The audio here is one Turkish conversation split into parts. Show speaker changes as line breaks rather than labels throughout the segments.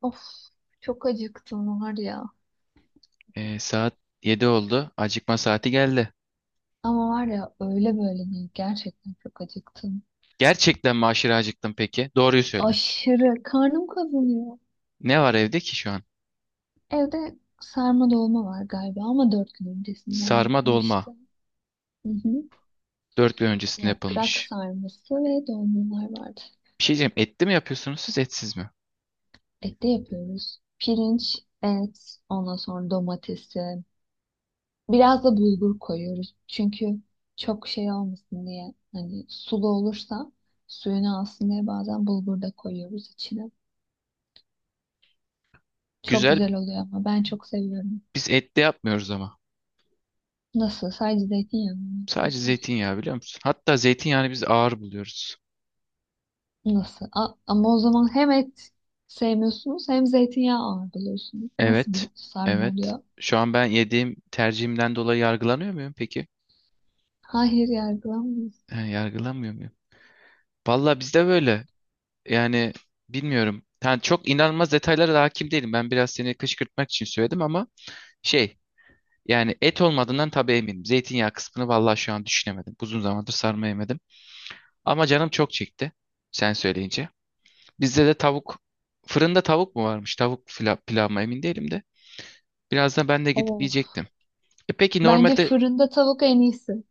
Of, çok acıktım var ya.
Saat 7 oldu. Acıkma saati geldi.
Ama var ya öyle böyle değil. Gerçekten çok acıktım.
Gerçekten mi aşırı acıktın peki? Doğruyu söyle.
Aşırı karnım kazanıyor.
Ne var evde ki şu an?
Evde sarma dolma var galiba ama dört gün öncesinden
Sarma dolma.
yapılmıştı. Hı hı.
Dört gün öncesinde
Yaprak
yapılmış.
sarması ve dolmalar vardı.
Bir şey diyeceğim. Etli mi yapıyorsunuz siz etsiz mi?
Et de yapıyoruz. Pirinç, et, ondan sonra domatesi. Biraz da bulgur koyuyoruz. Çünkü çok şey olmasın diye. Hani sulu olursa suyunu alsın diye bazen bulgur da koyuyoruz içine. Çok
Güzel.
güzel oluyor ama ben çok seviyorum.
Biz etli yapmıyoruz ama.
Nasıl? Sadece zeytinyağı mı
Sadece
yapıyorsunuz?
zeytinyağı biliyor musun? Hatta zeytinyağını biz ağır buluyoruz.
Nasıl? Ama o zaman hem et sevmiyorsunuz hem zeytinyağı ağır buluyorsunuz. Nasıl
Evet.
bir sarma
Evet.
oluyor?
Şu an ben yediğim tercihimden dolayı yargılanıyor muyum peki?
Hayır, yargılamayız.
He, yargılanmıyor muyum? Valla bizde böyle. Yani bilmiyorum. Yani çok inanılmaz detaylara da hakim değilim. Ben biraz seni kışkırtmak için söyledim ama şey yani et olmadığından tabii eminim. Zeytinyağı kısmını valla şu an düşünemedim. Uzun zamandır sarma yemedim. Ama canım çok çekti sen söyleyince. Bizde de tavuk fırında tavuk mu varmış? Pilav mı emin değilim de. Birazdan ben de gidip
Of.
yiyecektim. E peki
Bence
normalde.
fırında tavuk en iyisi.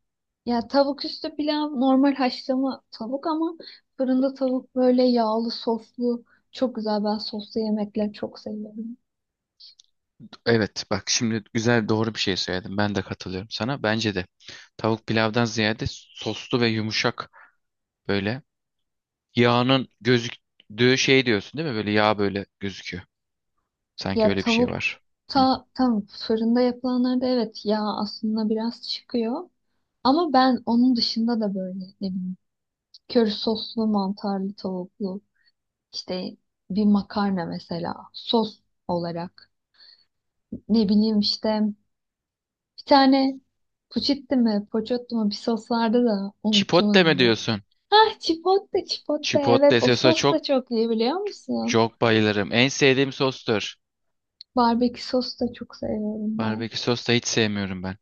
Ya tavuk üstü pilav normal haşlama tavuk ama fırında tavuk böyle yağlı soslu çok güzel. Ben soslu yemekler çok seviyorum.
Evet bak şimdi güzel doğru bir şey söyledin. Ben de katılıyorum sana. Bence de tavuk pilavdan ziyade soslu ve yumuşak böyle yağının gözüktüğü şey diyorsun değil mi? Böyle yağ böyle gözüküyor. Sanki
Ya
öyle bir şey var. Hı.
tavukta tam fırında yapılanlarda evet yağ aslında biraz çıkıyor. Ama ben onun dışında da böyle ne bileyim köri soslu mantarlı tavuklu işte bir makarna mesela sos olarak ne bileyim işte bir tane puçitti mi poçottu mu bir sos vardı da unuttum
Chipotle mi
onu.
diyorsun?
Ah, chipotle, chipotle, evet
Chipotle
o
sosa
sos da
çok
çok iyi biliyor musun?
çok bayılırım. En sevdiğim sostur.
Barbekü sos da çok seviyorum ben.
Barbekü sos da hiç sevmiyorum ben.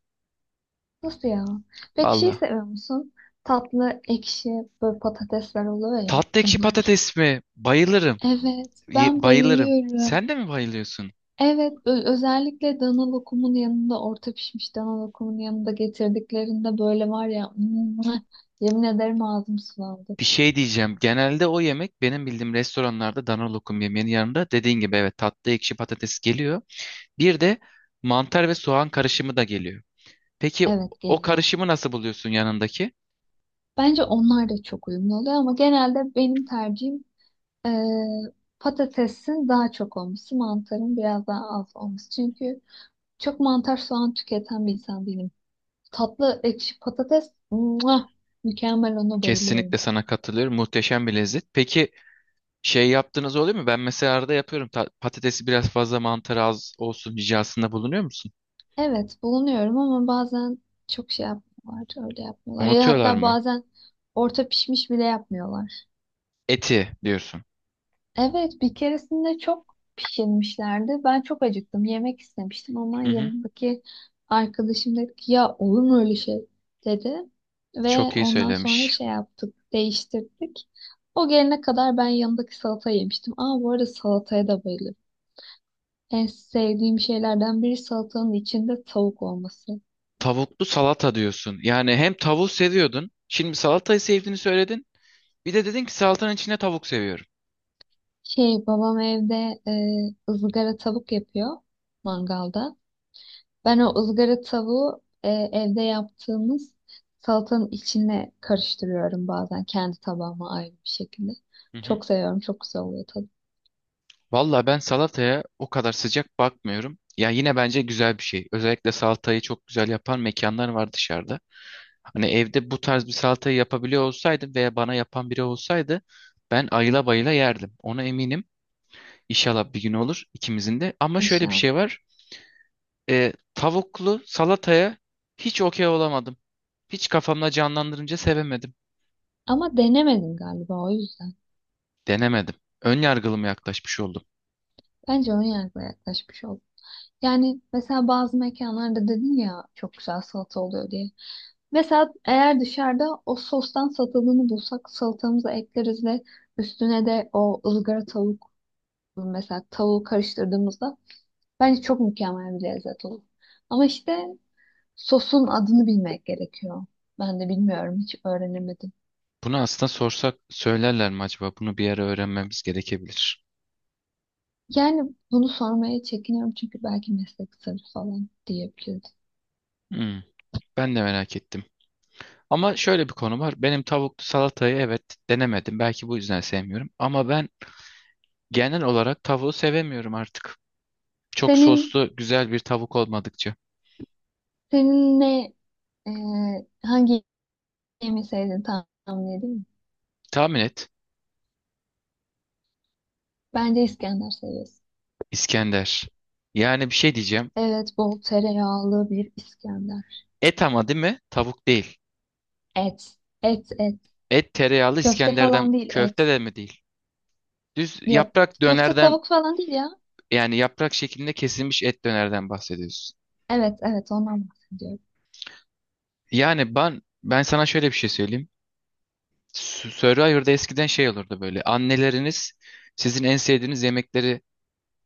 Nasıl ya? Peki şey
Valla.
seviyor musun? Tatlı, ekşi, böyle patatesler oluyor ya
Tatlı ekşi
onlar.
patates mi? Bayılırım.
Evet, ben
Bayılırım.
bayılıyorum.
Sen de mi bayılıyorsun?
Evet, özellikle dana lokumun yanında, orta pişmiş dana lokumun yanında getirdiklerinde böyle var ya, mwah, yemin ederim ağzım sulandı.
Bir şey diyeceğim. Genelde o yemek benim bildiğim restoranlarda dana lokum yemeğinin yanında dediğin gibi evet tatlı ekşi patates geliyor. Bir de mantar ve soğan karışımı da geliyor. Peki
Evet,
o
geliyor.
karışımı nasıl buluyorsun yanındaki?
Bence onlar da çok uyumlu oluyor ama genelde benim tercihim eee, patatesin daha çok olması, mantarın biraz daha az olması. Çünkü çok mantar soğan tüketen bir insan değilim. Tatlı ekşi patates. Muah! Mükemmel, ona
Kesinlikle
bayılıyorum.
sana katılıyorum. Muhteşem bir lezzet. Peki şey yaptığınız oluyor mu? Ben mesela arada yapıyorum. Patatesi biraz fazla mantar az olsun ricasında bulunuyor musun?
Evet bulunuyorum ama bazen çok şey yapmıyorlar. Öyle yapmıyorlar. Ya
Unutuyorlar
hatta
mı?
bazen orta pişmiş bile yapmıyorlar.
Eti diyorsun.
Evet bir keresinde çok pişirmişlerdi. Ben çok acıktım. Yemek istemiştim ama
Hı hı.
yanındaki arkadaşım dedi ki ya olur mu öyle şey dedi. Ve
Çok iyi
ondan sonra
söylemiş.
şey yaptık. Değiştirdik. O gelene kadar ben yanındaki salata yemiştim. Aa, bu arada salataya da bayılıyorum. En sevdiğim şeylerden biri salatanın içinde tavuk olması.
Tavuklu salata diyorsun. Yani hem tavuğu seviyordun. Şimdi salatayı sevdiğini söyledin. Bir de dedin ki salatanın içine tavuk seviyorum.
Şey, babam evde ızgara tavuk yapıyor mangalda. Ben o ızgara tavuğu evde yaptığımız salatanın içine karıştırıyorum bazen kendi tabağıma ayrı bir şekilde.
Hı hı.
Çok seviyorum. Çok güzel oluyor tadı.
Valla ben salataya o kadar sıcak bakmıyorum. Ya yine bence güzel bir şey. Özellikle salatayı çok güzel yapan mekanlar var dışarıda. Hani evde bu tarz bir salatayı yapabiliyor olsaydım veya bana yapan biri olsaydı ben ayıla bayıla yerdim. Ona eminim. İnşallah bir gün olur ikimizin de. Ama şöyle bir
İnşallah.
şey var. Tavuklu salataya hiç okey olamadım. Hiç kafamda canlandırınca sevemedim.
Ama denemedim galiba o yüzden.
Denemedim. Ön yargılı mı yaklaşmış oldum.
Bence ön yargıla yaklaşmış oldum. Yani mesela bazı mekanlarda dedin ya çok güzel salata oluyor diye. Mesela eğer dışarıda o sostan satıldığını bulsak salatamıza ekleriz ve üstüne de o ızgara tavuk mesela tavuğu karıştırdığımızda bence çok mükemmel bir lezzet olur. Ama işte sosun adını bilmek gerekiyor. Ben de bilmiyorum, hiç öğrenemedim.
Bunu aslında sorsak söylerler mi acaba? Bunu bir ara öğrenmemiz gerekebilir.
Yani bunu sormaya çekiniyorum çünkü belki meslek sırrı falan diyebiliriz.
Hmm, ben de merak ettim. Ama şöyle bir konu var. Benim tavuklu salatayı evet denemedim. Belki bu yüzden sevmiyorum. Ama ben genel olarak tavuğu sevemiyorum artık. Çok
Senin
soslu, güzel bir tavuk olmadıkça.
ne e, hangi yemeği sevdiğini tahmin edeyim mi?
Tahmin et.
Bence İskender seviyorsun.
İskender. Yani bir şey diyeceğim.
Evet, bol tereyağlı bir İskender.
Et ama değil mi? Tavuk değil.
Et, et, et.
Et tereyağlı
Köfte
İskender'den
falan değil,
köfte
et.
de mi değil? Düz
Yok,
yaprak
köfte
dönerden,
tavuk falan değil ya.
yani yaprak şeklinde kesilmiş et dönerden bahsediyorsun.
Evet, evet, ondan bahsediyorum.
Yani ben sana şöyle bir şey söyleyeyim. Survivor'da eskiden şey olurdu böyle. Anneleriniz sizin en sevdiğiniz yemekleri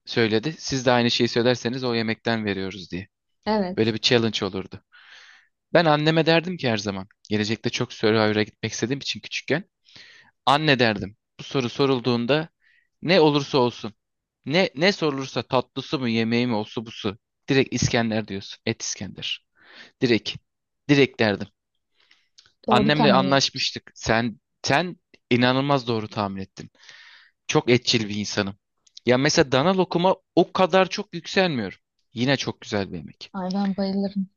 söyledi. Siz de aynı şeyi söylerseniz o yemekten veriyoruz diye. Böyle
Evet,
bir challenge olurdu. Ben anneme derdim ki her zaman. Gelecekte çok Survivor'a gitmek istediğim için küçükken. Anne derdim. Bu soru sorulduğunda ne olursa olsun. Ne sorulursa tatlısı mı yemeği mi olsa busu. Direkt İskender diyorsun. Et İskender. Direkt. Direkt derdim.
doğru
Annemle
tahmin etmişim.
anlaşmıştık. Sen inanılmaz doğru tahmin ettin. Çok etçil bir insanım. Ya mesela dana lokuma o kadar çok yükselmiyorum. Yine çok güzel bir yemek.
Ay ben bayılırım.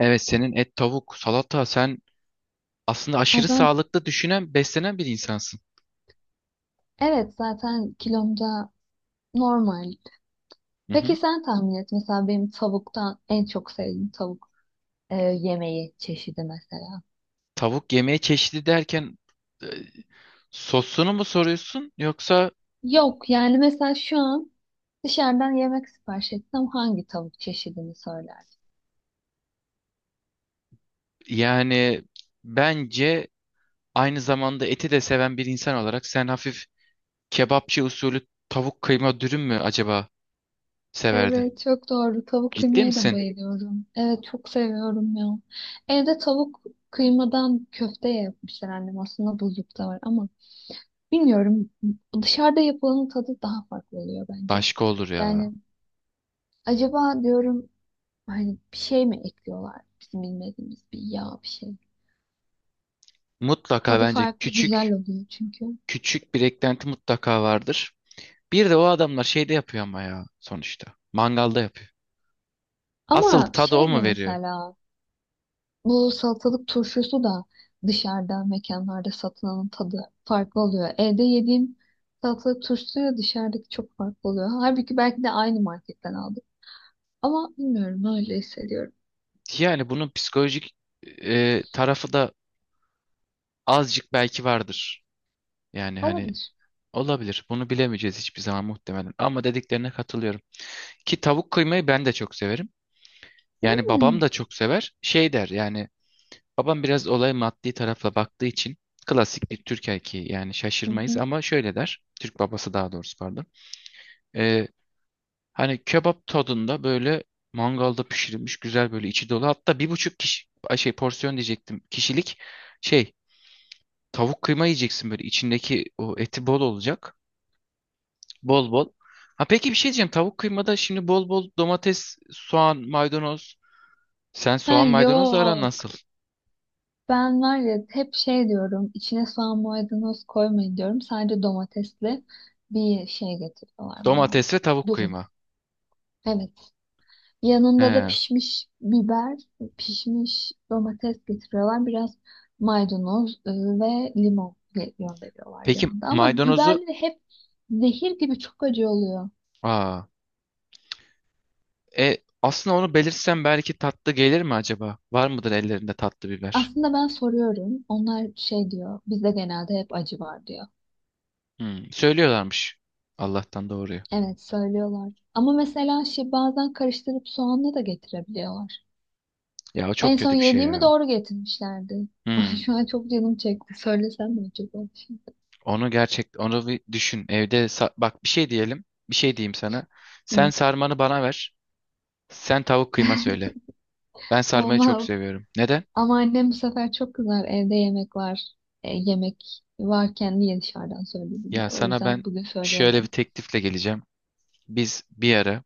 Evet senin et, tavuk, salata, sen aslında
Ay
aşırı
ben,
sağlıklı düşünen, beslenen bir insansın.
evet zaten kilomda normal.
Hı
Peki
hı.
sen tahmin et mesela benim tavuktan en çok sevdiğim tavuk yemeği çeşidi mesela.
Tavuk yemeği çeşidi derken, e, sosunu mu soruyorsun yoksa
Yok yani mesela şu an dışarıdan yemek sipariş etsem hangi tavuk çeşidini söyler?
yani bence aynı zamanda eti de seven bir insan olarak sen hafif kebapçı usulü tavuk kıyma dürüm mü acaba severdin?
Evet çok doğru. Tavuk
Ciddi
kıymaya da
misin?
bayılıyorum. Evet çok seviyorum ya. Evde tavuk kıymadan köfte yapmışlar annem. Aslında buzlukta var ama bilmiyorum. Dışarıda yapılanın tadı daha farklı oluyor bence.
Başka olur ya.
Yani acaba diyorum hani bir şey mi ekliyorlar? Bizim bilmediğimiz bir yağ, bir şey.
Mutlaka
Tadı
bence
farklı, güzel oluyor çünkü.
küçük bir eklenti mutlaka vardır. Bir de o adamlar şeyde yapıyor ama ya sonuçta. Mangalda yapıyor. Asıl
Ama
tadı o
şey de
mu veriyor?
mesela bu salatalık turşusu da dışarıda mekanlarda satılanın tadı farklı oluyor. Evde yediğim salatalık turşusuyla dışarıdaki çok farklı oluyor. Halbuki belki de aynı marketten aldım. Ama bilmiyorum, öyle hissediyorum.
Yani bunun psikolojik, tarafı da azıcık belki vardır. Yani hani
Olabilir.
olabilir. Bunu bilemeyeceğiz hiçbir zaman muhtemelen. Ama dediklerine katılıyorum. Ki tavuk kıymayı ben de çok severim. Yani
Hmm.
babam da çok sever. Şey der yani babam biraz olaya maddi tarafla baktığı için klasik bir Türk erkeği yani
Hı
şaşırmayız
hı.
ama şöyle der. Türk babası daha doğrusu pardon. Ee, Hani kebap tadında böyle mangalda pişirilmiş güzel böyle içi dolu. Hatta bir buçuk kişi ay şey porsiyon diyecektim kişilik şey tavuk kıyma yiyeceksin böyle içindeki o eti bol olacak. Bol bol. Ha peki bir şey diyeceğim. Tavuk kıymada şimdi bol bol domates, soğan, maydanoz. Sen
Ha,
soğan maydanozla aran
yok.
nasıl?
Ben var ya hep şey diyorum. İçine soğan maydanoz koymayın diyorum. Sadece domatesli bir şey getiriyorlar bana.
Domates ve tavuk
Dürüm.
kıyma.
Evet. Yanında da
He.
pişmiş biber, pişmiş domates getiriyorlar. Biraz maydanoz ve limon gönderiyorlar
Peki
yanında. Ama
maydanozu,
biberleri hep zehir gibi çok acı oluyor.
aa, aslında onu belirtsem belki tatlı gelir mi acaba? Var mıdır ellerinde tatlı biber?
Aslında ben soruyorum. Onlar şey diyor. Bizde genelde hep acı var diyor.
Hmm, söylüyorlarmış. Allah'tan doğruyu.
Evet söylüyorlar. Ama mesela şey bazen karıştırıp soğanla da getirebiliyorlar.
Ya o
En
çok
son
kötü bir şey
yediğimi
ya.
doğru getirmişlerdi. Ay
Hmm,
şu an çok canım çekti. Söylesem mi acaba şimdi?
onu gerçek onu bir düşün. Bak bir şey diyelim. Bir şey diyeyim sana. Sen
Hı.
sarmanı bana ver. Sen tavuk kıyma söyle. Ben sarmayı çok
Olmaz.
seviyorum. Neden?
Ama annem bu sefer çok kızar. Evde yemek var. E, yemek varken niye dışarıdan söyledin
Ya
der. O
sana
yüzden
ben
bugün
şöyle bir
söyleyemem.
teklifle geleceğim. Biz bir ara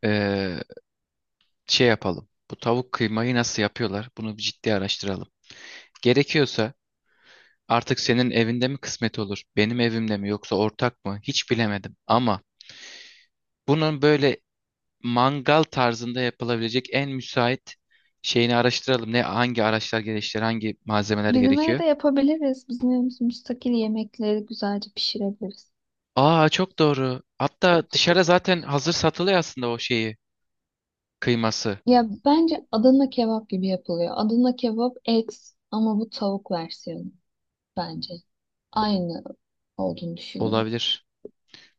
eee, şey yapalım. Bu tavuk kıymayı nasıl yapıyorlar? Bunu bir ciddi araştıralım. Gerekiyorsa artık senin evinde mi kısmet olur? Benim evimde mi yoksa ortak mı? Hiç bilemedim. Ama bunun böyle mangal tarzında yapılabilecek en müsait şeyini araştıralım. Ne hangi araçlar gerekiyor, hangi malzemeler
Bizim evde
gerekiyor?
yapabiliriz. Bizim evimiz müstakil, yemekleri güzelce pişirebiliriz.
Aa çok doğru. Hatta dışarıda zaten hazır satılıyor aslında o şeyi, kıyması.
Ya bence Adana kebap gibi yapılıyor. Adana kebap et ama bu tavuk versiyonu bence. Aynı olduğunu düşünüyorum.
Olabilir.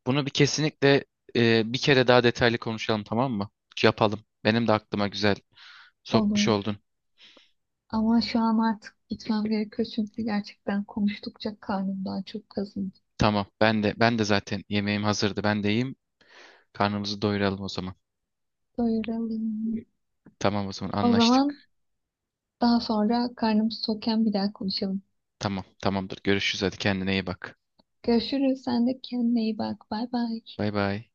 Bunu bir kesinlikle bir kere daha detaylı konuşalım tamam mı? Yapalım. Benim de aklıma güzel sokmuş
Olur.
oldun.
Ama şu an artık gitmem gerekiyor çünkü gerçekten konuştukça karnımdan çok kazındı.
Tamam. Ben de zaten yemeğim hazırdı. Ben de yiyeyim. Karnımızı doyuralım o zaman.
Doyuralım.
Tamam o zaman
O zaman
anlaştık.
daha sonra karnım tokken bir daha konuşalım.
Tamam, tamamdır. Görüşürüz hadi kendine iyi bak.
Görüşürüz. Sen de kendine iyi bak. Bay bay.
Bay bay.